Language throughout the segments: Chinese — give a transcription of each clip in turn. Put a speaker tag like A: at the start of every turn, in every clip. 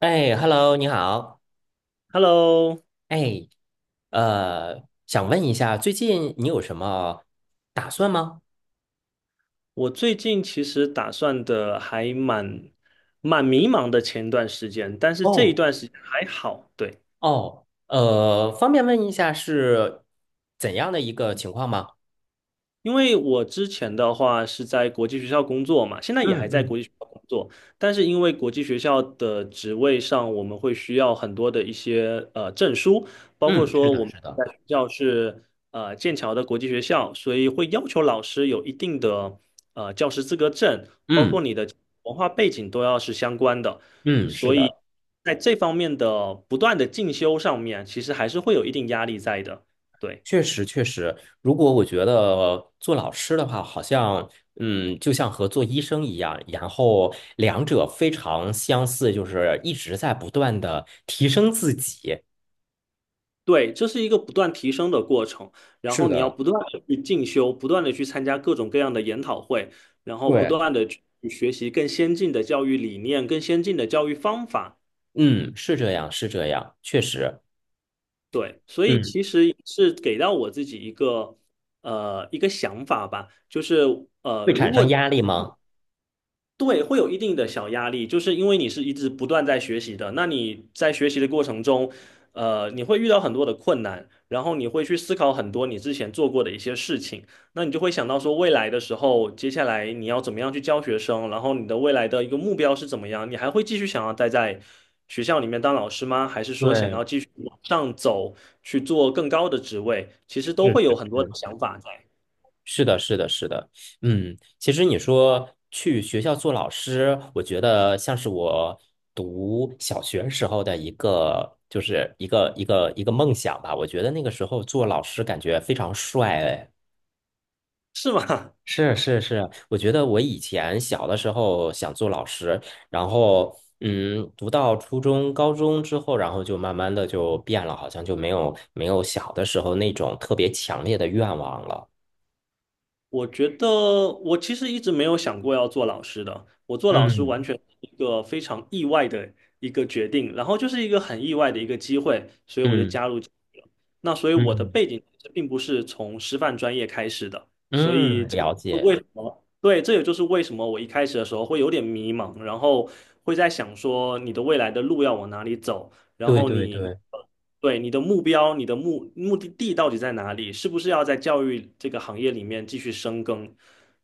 A: 哎，Hello，你好。
B: Hello，
A: 哎，想问一下，最近你有什么打算吗？
B: 我最近其实打算的还蛮迷茫的前段时间，但是这一
A: 哦
B: 段时间还好，对。
A: 哦，方便问一下是怎样的一个情况吗？
B: 因为我之前的话是在国际学校工作嘛，现在也还
A: 嗯
B: 在
A: 嗯
B: 国际学校工作，但是因为国际学校的职位上，我们会需要很多的一些证书，包括
A: 嗯，是
B: 说
A: 的，
B: 我们
A: 是
B: 在
A: 的，
B: 学校是剑桥的国际学校，所以会要求老师有一定的教师资格证，包括
A: 嗯
B: 你的文化背景都要是相关的，
A: 嗯，是
B: 所以
A: 的，
B: 在这方面的不断的进修上面，其实还是会有一定压力在的，对。
A: 确实确实。如果我觉得做老师的话，好像就像和做医生一样，然后两者非常相似，就是一直在不断的提升自己。
B: 对，这是一个不断提升的过程，然后你要不断的去进修，不断的去参加各种各样的研讨会，然后不
A: 对。
B: 断的去学习更先进的教育理念、更先进的教育方法。
A: 嗯，是这样，是这样，确实，
B: 对，所以
A: 嗯，
B: 其实是给到我自己一个一个想法吧，
A: 会产生压力吗？
B: 对，会有一定的小压力，就是因为你是一直不断在学习的，那你在学习的过程中，你会遇到很多的困难，然后你会去思考很多你之前做过的一些事情，那你就会想到说未来的时候，接下来你要怎么样去教学生，然后你的未来的一个目标是怎么样，你还会继续想要待在学校里面当老师吗？还是说想
A: 对，
B: 要继续往上走，去做更高的职位？其实都
A: 是
B: 会
A: 是
B: 有很多的
A: 是，
B: 想法在，
A: 是的，是的，是的，其实你说去学校做老师，我觉得像是我读小学时候的一个，就是一个梦想吧。我觉得那个时候做老师感觉非常帅，哎
B: 是吗？
A: 是是是，我觉得我以前小的时候想做老师，然后读到初中、高中之后，然后就慢慢的就变了，好像就没有小的时候那种特别强烈的愿望了。
B: 我觉得我其实一直没有想过要做老师的，我做老师完
A: 嗯
B: 全是一个非常意外的一个决定，然后就是一个很意外的一个机会，所以我就
A: 嗯
B: 加入进去了。那所以我的
A: 嗯
B: 背景其实并不是从师范专业开始的，所以
A: 嗯，
B: 这就
A: 了
B: 是为
A: 解，
B: 什么？对，这也就是为什么我一开始的时候会有点迷茫，然后会在想说你的未来的路要往哪里走。然
A: 对
B: 后
A: 对
B: 你
A: 对，
B: 对你的目标、你的目的地到底在哪里？是不是要在教育这个行业里面继续深耕？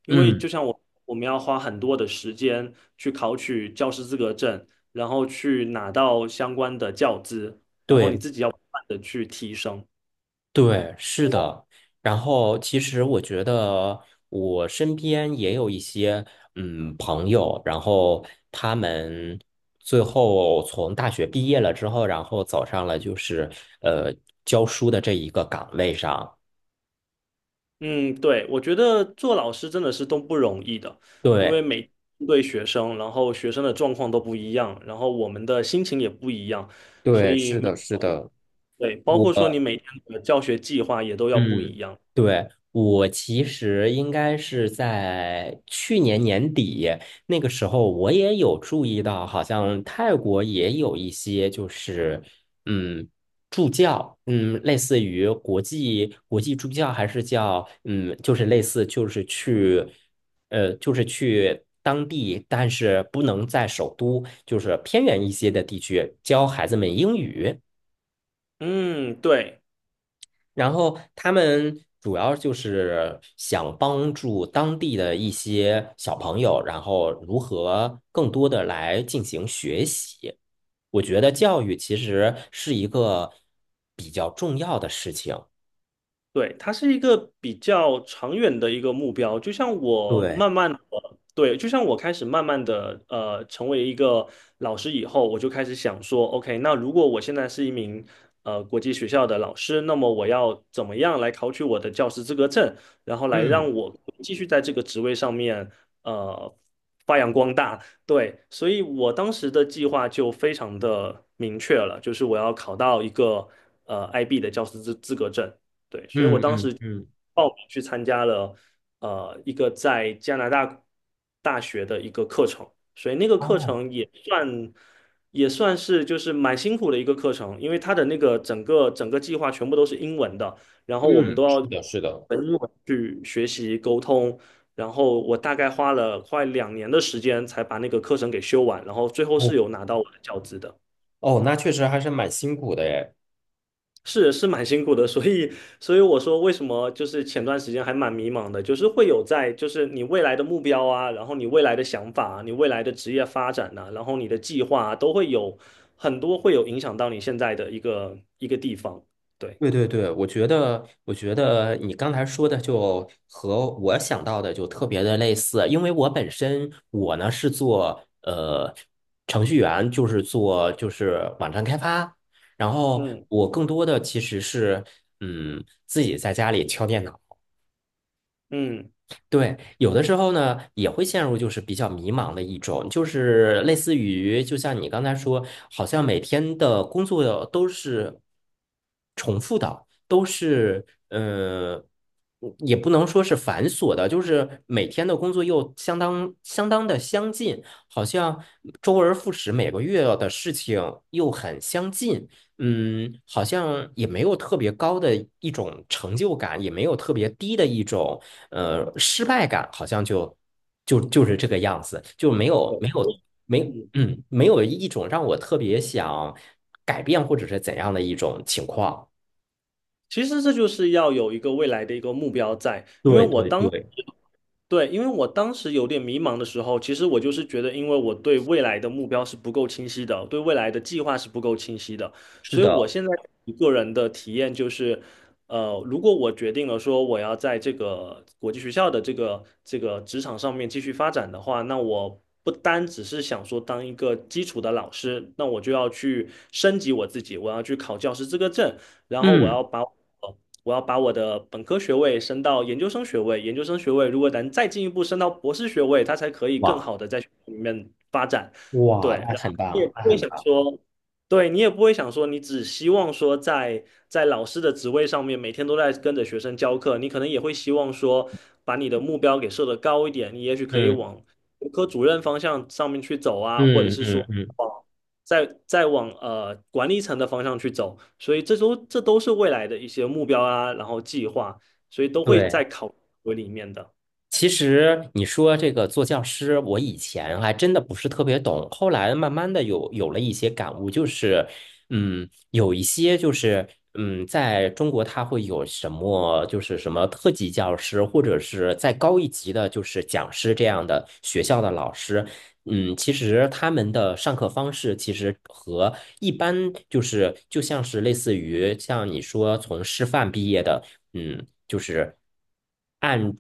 B: 因为
A: 嗯
B: 就像我，我们要花很多的时间去考取教师资格证，然后去拿到相关的教资，然后你
A: 对。
B: 自己要不断的去提升。
A: 对，是的。然后，其实我觉得我身边也有一些朋友，然后他们最后从大学毕业了之后，然后走上了就是呃教书的这一个岗位上。
B: 嗯，对，我觉得做老师真的是都不容易的，因为
A: 对，
B: 每对学生，然后学生的状况都不一样，然后我们的心情也不一样，所
A: 对，
B: 以
A: 是
B: 每。
A: 的，是的，
B: 对，包括说你
A: 我。
B: 每天的教学计划也都要不
A: 嗯，
B: 一样。
A: 对，我其实应该是在去年年底那个时候，我也有注意到，好像泰国也有一些就是嗯助教，类似于国际助教，还是叫就是类似就是去就是去当地，但是不能在首都，就是偏远一些的地区教孩子们英语。
B: 嗯，对。
A: 然后他们主要就是想帮助当地的一些小朋友，然后如何更多的来进行学习。我觉得教育其实是一个比较重要的事情。
B: 对，它是一个比较长远的一个目标，
A: 对，
B: 就像我开始慢慢的，成为一个老师以后，我就开始想说，OK，那如果我现在是一名国际学校的老师，那么我要怎么样来考取我的教师资格证，然后来
A: 嗯
B: 让我继续在这个职位上面，呃，发扬光大。对，所以我当时的计划就非常的明确了，就是我要考到一个IB 的教师资格证。对，所以我
A: 嗯
B: 当
A: 嗯
B: 时
A: 嗯，
B: 报名去参加了一个在加拿大大学的一个课程，所以那个课
A: 哦，
B: 程也算是就是蛮辛苦的一个课程，因为它的那个整个计划全部都是英文的，然后我们都
A: 嗯，
B: 要
A: 是
B: 用
A: 的，是的。
B: 英文去学习沟通，然后我大概花了快2年的时间才把那个课程给修完，然后最后
A: 哦，
B: 是有拿到我的教资的。
A: 哦，那确实还是蛮辛苦的诶。
B: 是是蛮辛苦的，所以我说为什么就是前段时间还蛮迷茫的，就是会有在就是你未来的目标啊，然后你未来的想法啊，你未来的职业发展呐、然后你的计划啊，都会有很多会有影响到你现在的一个地方。对，
A: 对对对，我觉得你刚才说的就和我想到的就特别的类似，因为我本身我呢是做程序员，就是做就是网站开发，然后
B: 嗯
A: 我更多的其实是自己在家里敲电脑。
B: 嗯，
A: 对，有的时候呢也会陷入就是比较迷茫的一种，就是类似于就像你刚才说，好像每天的工作都是重复的，都是也不能说是繁琐的，就是每天的工作又相当相当的相近，好像周而复始，每个月的事情又很相近，好像也没有特别高的一种成就感，也没有特别低的一种失败感，好像就是这个样子，就没有
B: 对，
A: 没有没
B: 嗯，
A: 嗯没有一种让我特别想改变或者是怎样的一种情况。
B: 其实这就是要有一个未来的一个目标在，
A: 对对对，
B: 因为我当时有点迷茫的时候，其实我就是觉得，因为我对未来的目标是不够清晰的，对未来的计划是不够清晰的，
A: 是
B: 所以我
A: 的，
B: 现在一个人的体验就是，如果我决定了说我要在这个国际学校的这个职场上面继续发展的话，那我不单只是想说当一个基础的老师，那我就要去升级我自己，我要去考教师资格证，然后
A: 嗯，
B: 呃我要把我的本科学位升到研究生学位，研究生学位如果能再进一步升到博士学位，它才可以更
A: 哇
B: 好的在学校里面发展。
A: 哇，
B: 对，
A: 那很棒，那很棒，
B: 你也不会想说，你只希望说在在老师的职位上面每天都在跟着学生教课，你可能也会希望说把你的目标给设得高一点，你也许可以
A: 嗯
B: 往。科主任方向上面去走啊，或者
A: 嗯
B: 是
A: 嗯
B: 说
A: 嗯，
B: 再往管理层的方向去走，所以这都是未来的一些目标啊，然后计划，所以都会在
A: 对。
B: 考核里面的。
A: 其实你说这个做教师，我以前还真的不是特别懂，后来慢慢的有了一些感悟，就是，有一些就是，在中国他会有什么，就是什么特级教师，或者是再高一级的，就是讲师这样的学校的老师，其实他们的上课方式其实和一般就是就像是类似于像你说从师范毕业的。就是按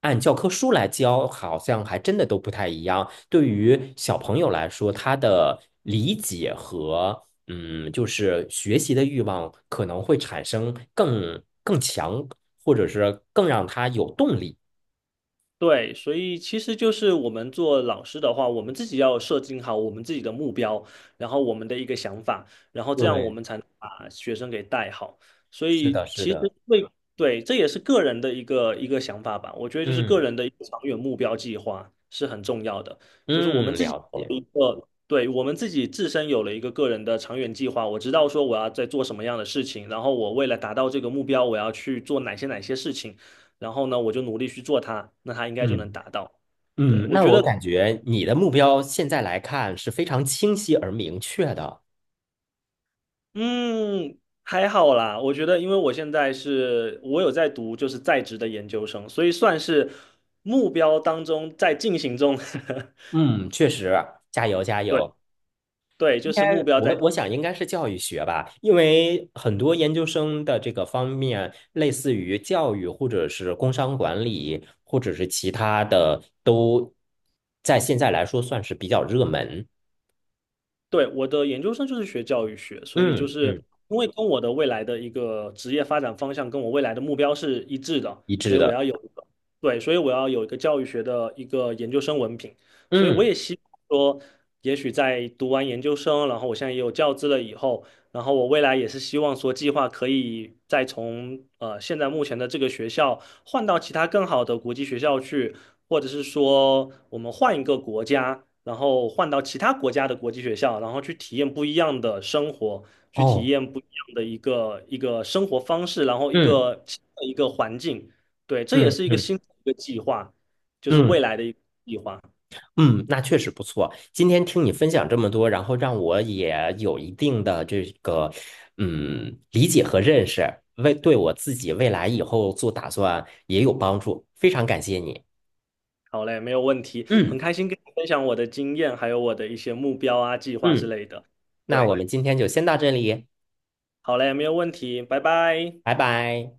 A: 按教科书来教，好像还真的都不太一样。对于小朋友来说，他的理解和就是学习的欲望可能会产生更强，或者是更让他有动力。
B: 对，所以其实就是我们做老师的话，我们自己要设定好我们自己的目标，然后我们的一个想法，然后这样我
A: 对，
B: 们才能把学生给带好。所
A: 是的，
B: 以
A: 是
B: 其实
A: 的，
B: 对对，这也是个人的一个想法吧。我觉得就是个
A: 嗯
B: 人的一个长远目标计划是很重要的，就是我们
A: 嗯，
B: 自己
A: 了
B: 有了
A: 解，
B: 一个，对，我们自己自身有了一个个人的长远计划，我知道说我要在做什么样的事情，然后我为了达到这个目标，我要去做哪些事情。然后呢，我就努力去做它，那它应该就能
A: 嗯
B: 达到。对，
A: 嗯，
B: 我
A: 那
B: 觉
A: 我
B: 得，
A: 感觉你的目标现在来看是非常清晰而明确的。
B: 嗯，还好啦。我觉得，因为我有在读就是在职的研究生，所以算是目标当中在进行中。
A: 嗯，确实，加油加
B: 对
A: 油。
B: 对，就
A: 应
B: 是
A: 该
B: 目标
A: 我
B: 在
A: 我想应该是教育学吧，因为很多研究生的这个方面，类似于教育或者是工商管理，或者是其他的，都在现在来说算是比较热门。
B: 对，我的研究生就是学教育学，所以就
A: 嗯
B: 是
A: 嗯，
B: 因为跟我的未来的一个职业发展方向，跟我未来的目标是一致的，
A: 一致
B: 所以我要
A: 的。
B: 有一个，对，所以我要有一个教育学的一个研究生文凭，所以我
A: 嗯
B: 也希望说，也许在读完研究生，然后我现在也有教资了以后，然后我未来也是希望说，计划可以再从现在目前的这个学校换到其他更好的国际学校去，或者是说我们换一个国家，然后换到其他国家的国际学校，然后去体验不一样的生活，去体
A: 哦，
B: 验不一样的一个生活方式，然后一
A: 嗯
B: 个新的一个环境。对，这也
A: 嗯
B: 是一个
A: 嗯
B: 新的一个计划，就是未
A: 嗯
B: 来的一个计划。
A: 嗯，那确实不错。今天听你分享这么多，然后让我也有一定的这个理解和认识，为对我自己未来以后做打算也有帮助。非常感谢你。
B: 好嘞，没有问题，很
A: 嗯
B: 开心跟你分享我的经验，还有我的一些目标啊、计划之
A: 嗯，
B: 类的。
A: 那我
B: 对，
A: 们今天就先到这里，
B: 好嘞，没有问题，拜拜。
A: 拜拜。